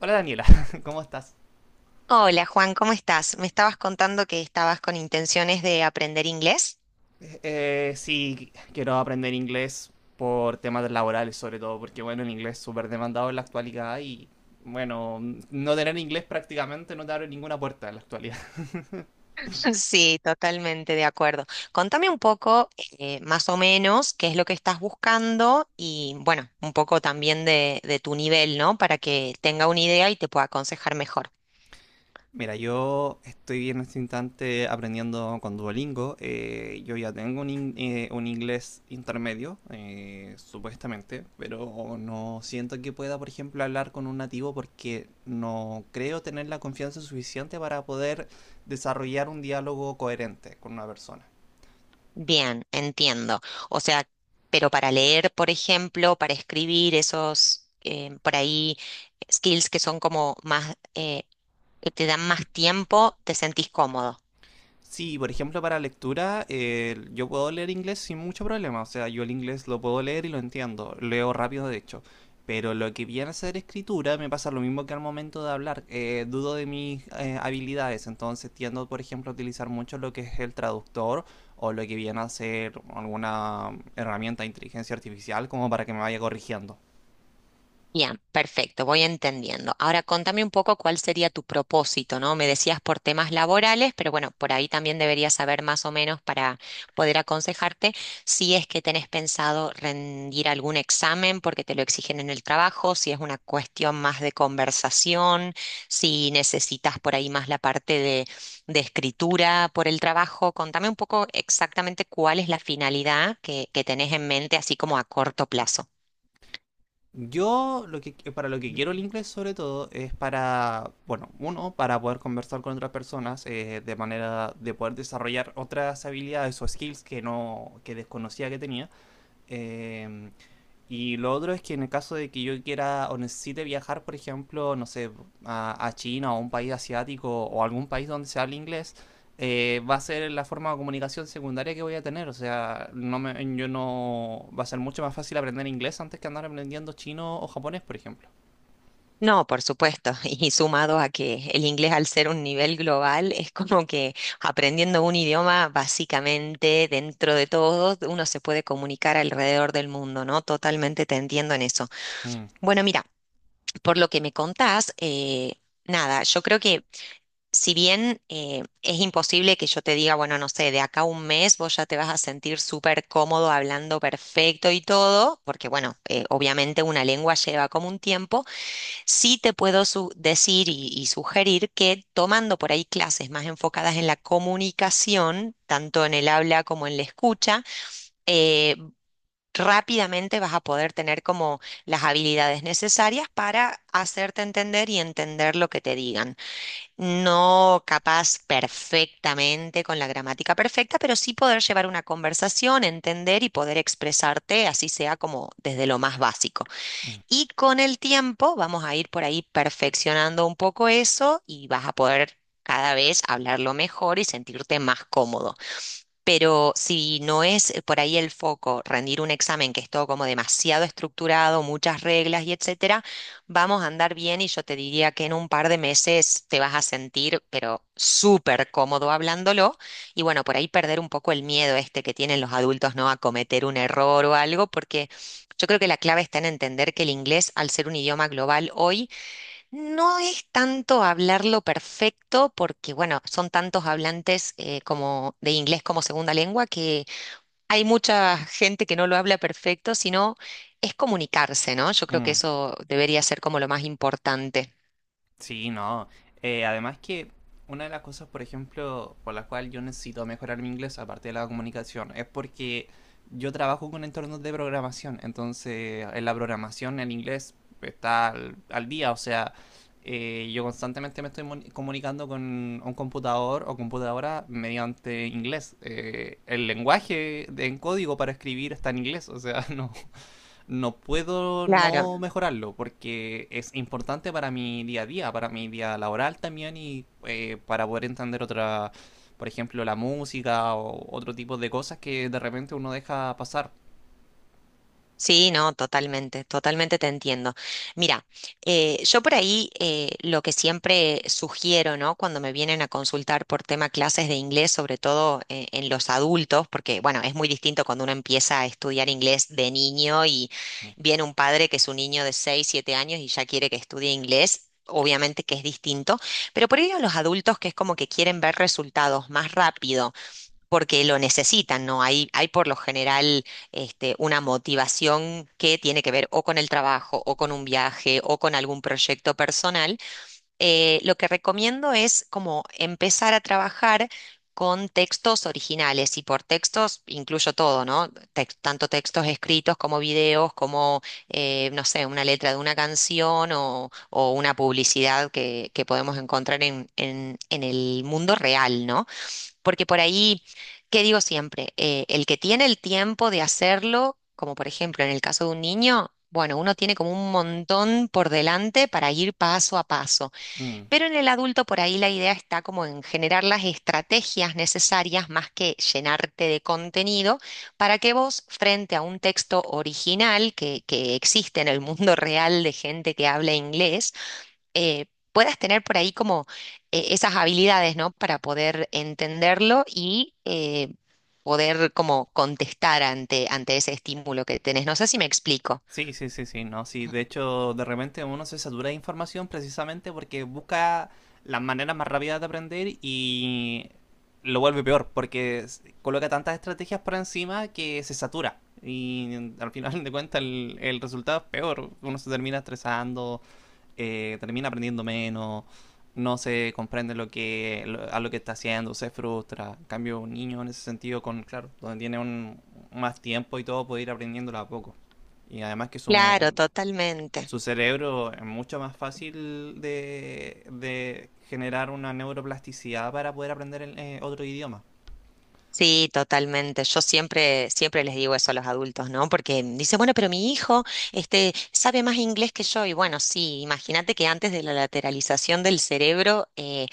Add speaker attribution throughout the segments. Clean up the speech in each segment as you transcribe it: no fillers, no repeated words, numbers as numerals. Speaker 1: Hola Daniela, ¿cómo estás?
Speaker 2: Hola Juan, ¿cómo estás? Me estabas contando que estabas con intenciones de aprender inglés.
Speaker 1: Sí, quiero aprender inglés por temas laborales sobre todo, porque bueno, el inglés es súper demandado en la actualidad y bueno, no tener inglés prácticamente no te abre ninguna puerta en la actualidad.
Speaker 2: Sí, totalmente de acuerdo. Contame un poco, más o menos, qué es lo que estás buscando y, bueno, un poco también de tu nivel, ¿no? Para que tenga una idea y te pueda aconsejar mejor.
Speaker 1: Mira, yo estoy en este instante aprendiendo con Duolingo. Yo ya tengo un inglés intermedio, supuestamente, pero no siento que pueda, por ejemplo, hablar con un nativo porque no creo tener la confianza suficiente para poder desarrollar un diálogo coherente con una persona.
Speaker 2: Bien, entiendo. O sea, pero para leer, por ejemplo, para escribir esos, por ahí, skills que son como más, que te dan más tiempo, ¿te sentís cómodo?
Speaker 1: Sí, por ejemplo, para lectura, yo puedo leer inglés sin mucho problema. O sea, yo el inglés lo puedo leer y lo entiendo. Leo rápido, de hecho. Pero lo que viene a ser escritura me pasa lo mismo que al momento de hablar. Dudo de mis habilidades. Entonces tiendo, por ejemplo, a utilizar mucho lo que es el traductor o lo que viene a ser alguna herramienta de inteligencia artificial como para que me vaya corrigiendo.
Speaker 2: Bien, perfecto, voy entendiendo. Ahora contame un poco cuál sería tu propósito, ¿no? Me decías por temas laborales, pero bueno, por ahí también deberías saber más o menos para poder aconsejarte si es que tenés pensado rendir algún examen porque te lo exigen en el trabajo, si es una cuestión más de conversación, si necesitas por ahí más la parte de escritura por el trabajo. Contame un poco exactamente cuál es la finalidad que tenés en mente, así como a corto plazo.
Speaker 1: Yo lo que para lo que quiero el inglés sobre todo es para, bueno, uno, para poder conversar con otras personas de manera de poder desarrollar otras habilidades o skills que no que desconocía que tenía. Eh, y lo otro es que en el caso de que yo quiera o necesite viajar, por ejemplo, no sé, a China o a un país asiático o algún país donde se hable inglés, va a ser la forma de comunicación secundaria que voy a tener. O sea, no me, yo no, va a ser mucho más fácil aprender inglés antes que andar aprendiendo chino o japonés, por ejemplo.
Speaker 2: No, por supuesto. Y sumado a que el inglés al ser un nivel global es como que aprendiendo un idioma básicamente dentro de todo uno se puede comunicar alrededor del mundo, ¿no? Totalmente te entiendo en eso.
Speaker 1: Mm,
Speaker 2: Bueno, mira, por lo que me contás, nada, yo creo que si bien es imposible que yo te diga, bueno, no sé, de acá a un mes vos ya te vas a sentir súper cómodo hablando perfecto y todo, porque bueno, obviamente una lengua lleva como un tiempo. Sí te puedo decir y sugerir que tomando por ahí clases más enfocadas en la comunicación, tanto en el habla como en la escucha, eh, rápidamente vas a poder tener como las habilidades necesarias para hacerte entender y entender lo que te digan. No capaz perfectamente con la gramática perfecta, pero sí poder llevar una conversación, entender y poder expresarte, así sea como desde lo más básico.
Speaker 1: mm,
Speaker 2: Y con el tiempo vamos a ir por ahí perfeccionando un poco eso y vas a poder cada vez hablarlo mejor y sentirte más cómodo. Pero si no es por ahí el foco rendir un examen que es todo como demasiado estructurado, muchas reglas y etcétera, vamos a andar bien y yo te diría que en un par de meses te vas a sentir pero súper cómodo hablándolo y bueno, por ahí perder un poco el miedo este que tienen los adultos, ¿no? A cometer un error o algo, porque yo creo que la clave está en entender que el inglés, al ser un idioma global hoy, no es tanto hablarlo perfecto, porque bueno, son tantos hablantes como de inglés como segunda lengua que hay mucha gente que no lo habla perfecto, sino es comunicarse, ¿no? Yo creo que
Speaker 1: mm.
Speaker 2: eso debería ser como lo más importante.
Speaker 1: Sí, no. Además que una de las cosas, por ejemplo, por la cual yo necesito mejorar mi inglés, aparte de la comunicación, es porque yo trabajo con entornos de programación. Entonces, en la programación el inglés está al día. O sea, yo constantemente me estoy comunicando con un computador o computadora mediante inglés. El en código para escribir está en inglés. O sea, no, no puedo
Speaker 2: Claro.
Speaker 1: no mejorarlo porque es importante para mi día a día, para mi día laboral también y para poder entender otra, por ejemplo, la música o otro tipo de cosas que de repente uno deja pasar.
Speaker 2: Sí, no, totalmente, totalmente te entiendo. Mira, yo por ahí lo que siempre sugiero, ¿no? Cuando me vienen a consultar por tema clases de inglés, sobre todo en los adultos, porque bueno, es muy distinto cuando uno empieza a estudiar inglés de niño y viene un padre que es un niño de 6, 7 años y ya quiere que estudie inglés. Obviamente que es distinto, pero por ahí a los adultos que es como que quieren ver resultados más rápido porque lo necesitan, ¿no? Hay por lo general este, una motivación que tiene que ver o con el trabajo, o con un viaje, o con algún proyecto personal. Lo que recomiendo es como empezar a trabajar con textos originales, y por textos incluyo todo, ¿no? Tanto textos escritos como videos, como, no sé, una letra de una canción o una publicidad que podemos encontrar en, en el mundo real, ¿no? Porque por ahí, ¿qué digo siempre? El que tiene el tiempo de hacerlo, como por ejemplo en el caso de un niño, bueno, uno tiene como un montón por delante para ir paso a paso.
Speaker 1: Mm.
Speaker 2: Pero en el adulto por ahí la idea está como en generar las estrategias necesarias más que llenarte de contenido para que vos, frente a un texto original que existe en el mundo real de gente que habla inglés, eh, puedas tener por ahí como esas habilidades, ¿no? Para poder entenderlo y poder como contestar ante ese estímulo que tenés. No sé si me explico.
Speaker 1: Sí, sí, sí, sí, no, sí. De hecho, de repente uno se satura de información precisamente porque busca las maneras más rápidas de aprender y lo vuelve peor, porque coloca tantas estrategias por encima que se satura. Y al final de cuentas el resultado es peor. Uno se termina estresando, termina aprendiendo menos, no se comprende lo que, a lo que está haciendo, se frustra. En cambio, un niño en ese sentido, con claro, donde tiene un, más tiempo y todo, puede ir aprendiéndolo a poco. Y además que su,
Speaker 2: Claro, totalmente.
Speaker 1: su cerebro es mucho más fácil de generar una neuroplasticidad para poder aprender el, otro idioma.
Speaker 2: Sí, totalmente. Yo siempre, siempre les digo eso a los adultos, ¿no? Porque dice, bueno, pero mi hijo, este, sabe más inglés que yo. Y bueno, sí, imagínate que antes de la lateralización del cerebro,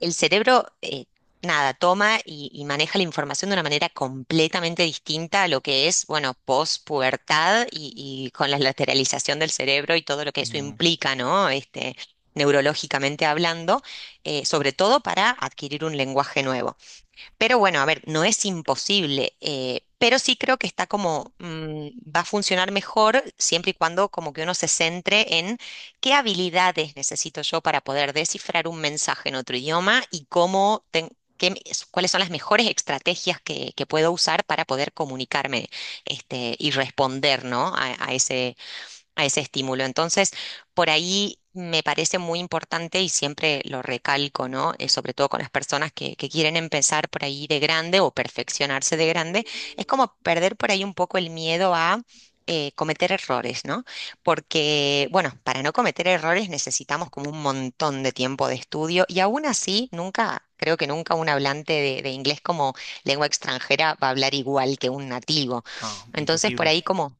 Speaker 2: el cerebro, nada, toma y maneja la información de una manera completamente distinta a lo que es, bueno, pospubertad y con la lateralización del cerebro y todo lo que eso
Speaker 1: Mm.
Speaker 2: implica, ¿no? Este, neurológicamente hablando, sobre todo para adquirir un lenguaje nuevo. Pero bueno, a ver, no es imposible, pero sí creo que está como, va a funcionar mejor siempre y cuando como que uno se centre en qué habilidades necesito yo para poder descifrar un mensaje en otro idioma y cómo cuáles son las mejores estrategias que puedo usar para poder comunicarme este, y responder, ¿no? A ese estímulo. Entonces, por ahí me parece muy importante y siempre lo recalco, ¿no? Sobre todo con las personas que quieren empezar por ahí de grande o perfeccionarse de grande, es como perder por ahí un poco el miedo a... cometer errores, ¿no? Porque, bueno, para no cometer errores necesitamos como un montón de tiempo de estudio y aún así, nunca, creo que nunca un hablante de inglés como lengua extranjera va a hablar igual que un nativo.
Speaker 1: Ah,
Speaker 2: Entonces, por
Speaker 1: imposible.
Speaker 2: ahí como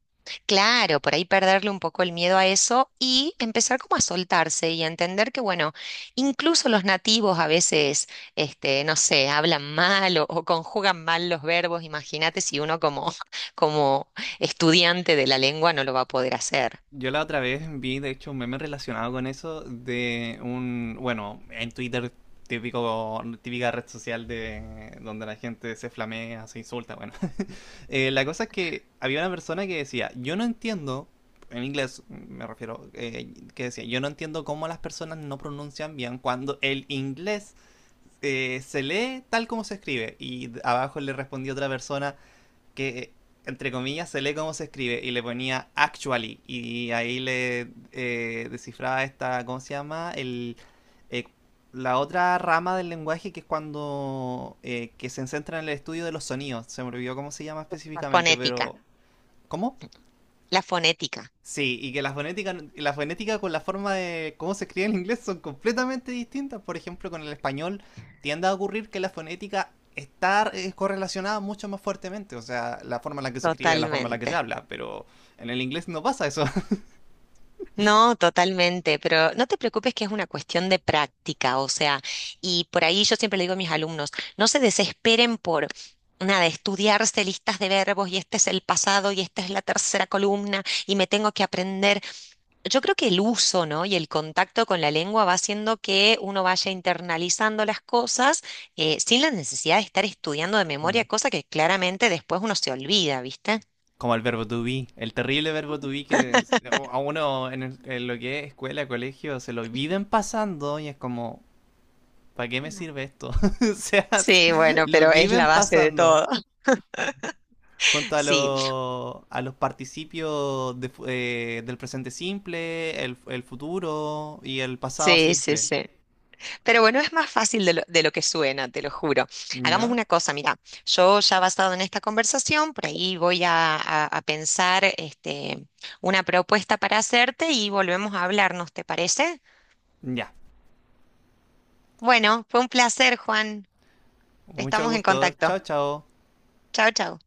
Speaker 2: Claro, por ahí perderle un poco el miedo a eso y empezar como a soltarse y a entender que, bueno, incluso los nativos a veces, este, no sé, hablan mal o conjugan mal los verbos. Imagínate si uno como, como estudiante de la lengua no lo va a poder hacer.
Speaker 1: Yo la otra vez vi, de hecho, un meme relacionado con eso de un, bueno, en Twitter, típico, típica red social de donde la gente se flamea, se insulta, bueno. La cosa es que había una persona que decía, yo no entiendo, en inglés me refiero, que decía, yo no entiendo cómo las personas no pronuncian bien cuando el inglés se lee tal como se escribe. Y abajo le respondió otra persona, que entre comillas se lee cómo se escribe y le ponía actually y ahí le descifraba esta, ¿cómo se llama? Eh, la otra rama del lenguaje que es cuando que se centra en el estudio de los sonidos. Se me olvidó cómo se llama
Speaker 2: La
Speaker 1: específicamente,
Speaker 2: fonética,
Speaker 1: pero ¿cómo?
Speaker 2: la fonética,
Speaker 1: Sí, y que la fonética con la forma de cómo se escribe en inglés son completamente distintas. Por ejemplo, con el español tiende a ocurrir que la fonética está correlacionada mucho más fuertemente. O sea, la forma en la que se escribe, la forma en la que se
Speaker 2: totalmente.
Speaker 1: habla. Pero en el inglés no pasa eso.
Speaker 2: No, totalmente, pero no te preocupes que es una cuestión de práctica, o sea, y por ahí yo siempre le digo a mis alumnos, no se desesperen por nada, estudiarse listas de verbos y este es el pasado y esta es la tercera columna y me tengo que aprender. Yo creo que el uso, ¿no? Y el contacto con la lengua va haciendo que uno vaya internalizando las cosas sin la necesidad de estar estudiando de
Speaker 1: Mm.
Speaker 2: memoria, cosa que claramente después uno se olvida, ¿viste?
Speaker 1: Como el verbo to be, el terrible verbo to be que a uno en, en lo que es escuela, colegio, se lo viven pasando y es como, ¿para qué me
Speaker 2: Mm.
Speaker 1: sirve esto? O sea,
Speaker 2: Sí, bueno,
Speaker 1: lo
Speaker 2: pero es
Speaker 1: viven
Speaker 2: la base de todo.
Speaker 1: pasando. Junto
Speaker 2: Sí.
Speaker 1: a los participios de del presente simple, el futuro y el pasado
Speaker 2: Sí, sí,
Speaker 1: simple.
Speaker 2: sí. Pero bueno, es más fácil de lo que suena, te lo juro. Hagamos
Speaker 1: ¿Ya?
Speaker 2: una cosa, mira, yo ya basado en esta conversación, por ahí voy a, a pensar este, una propuesta para hacerte y volvemos a hablarnos, ¿te parece?
Speaker 1: Ya.
Speaker 2: Bueno, fue un placer, Juan.
Speaker 1: Mucho
Speaker 2: Estamos en
Speaker 1: gusto.
Speaker 2: contacto.
Speaker 1: Chao, chao.
Speaker 2: Chao, chao.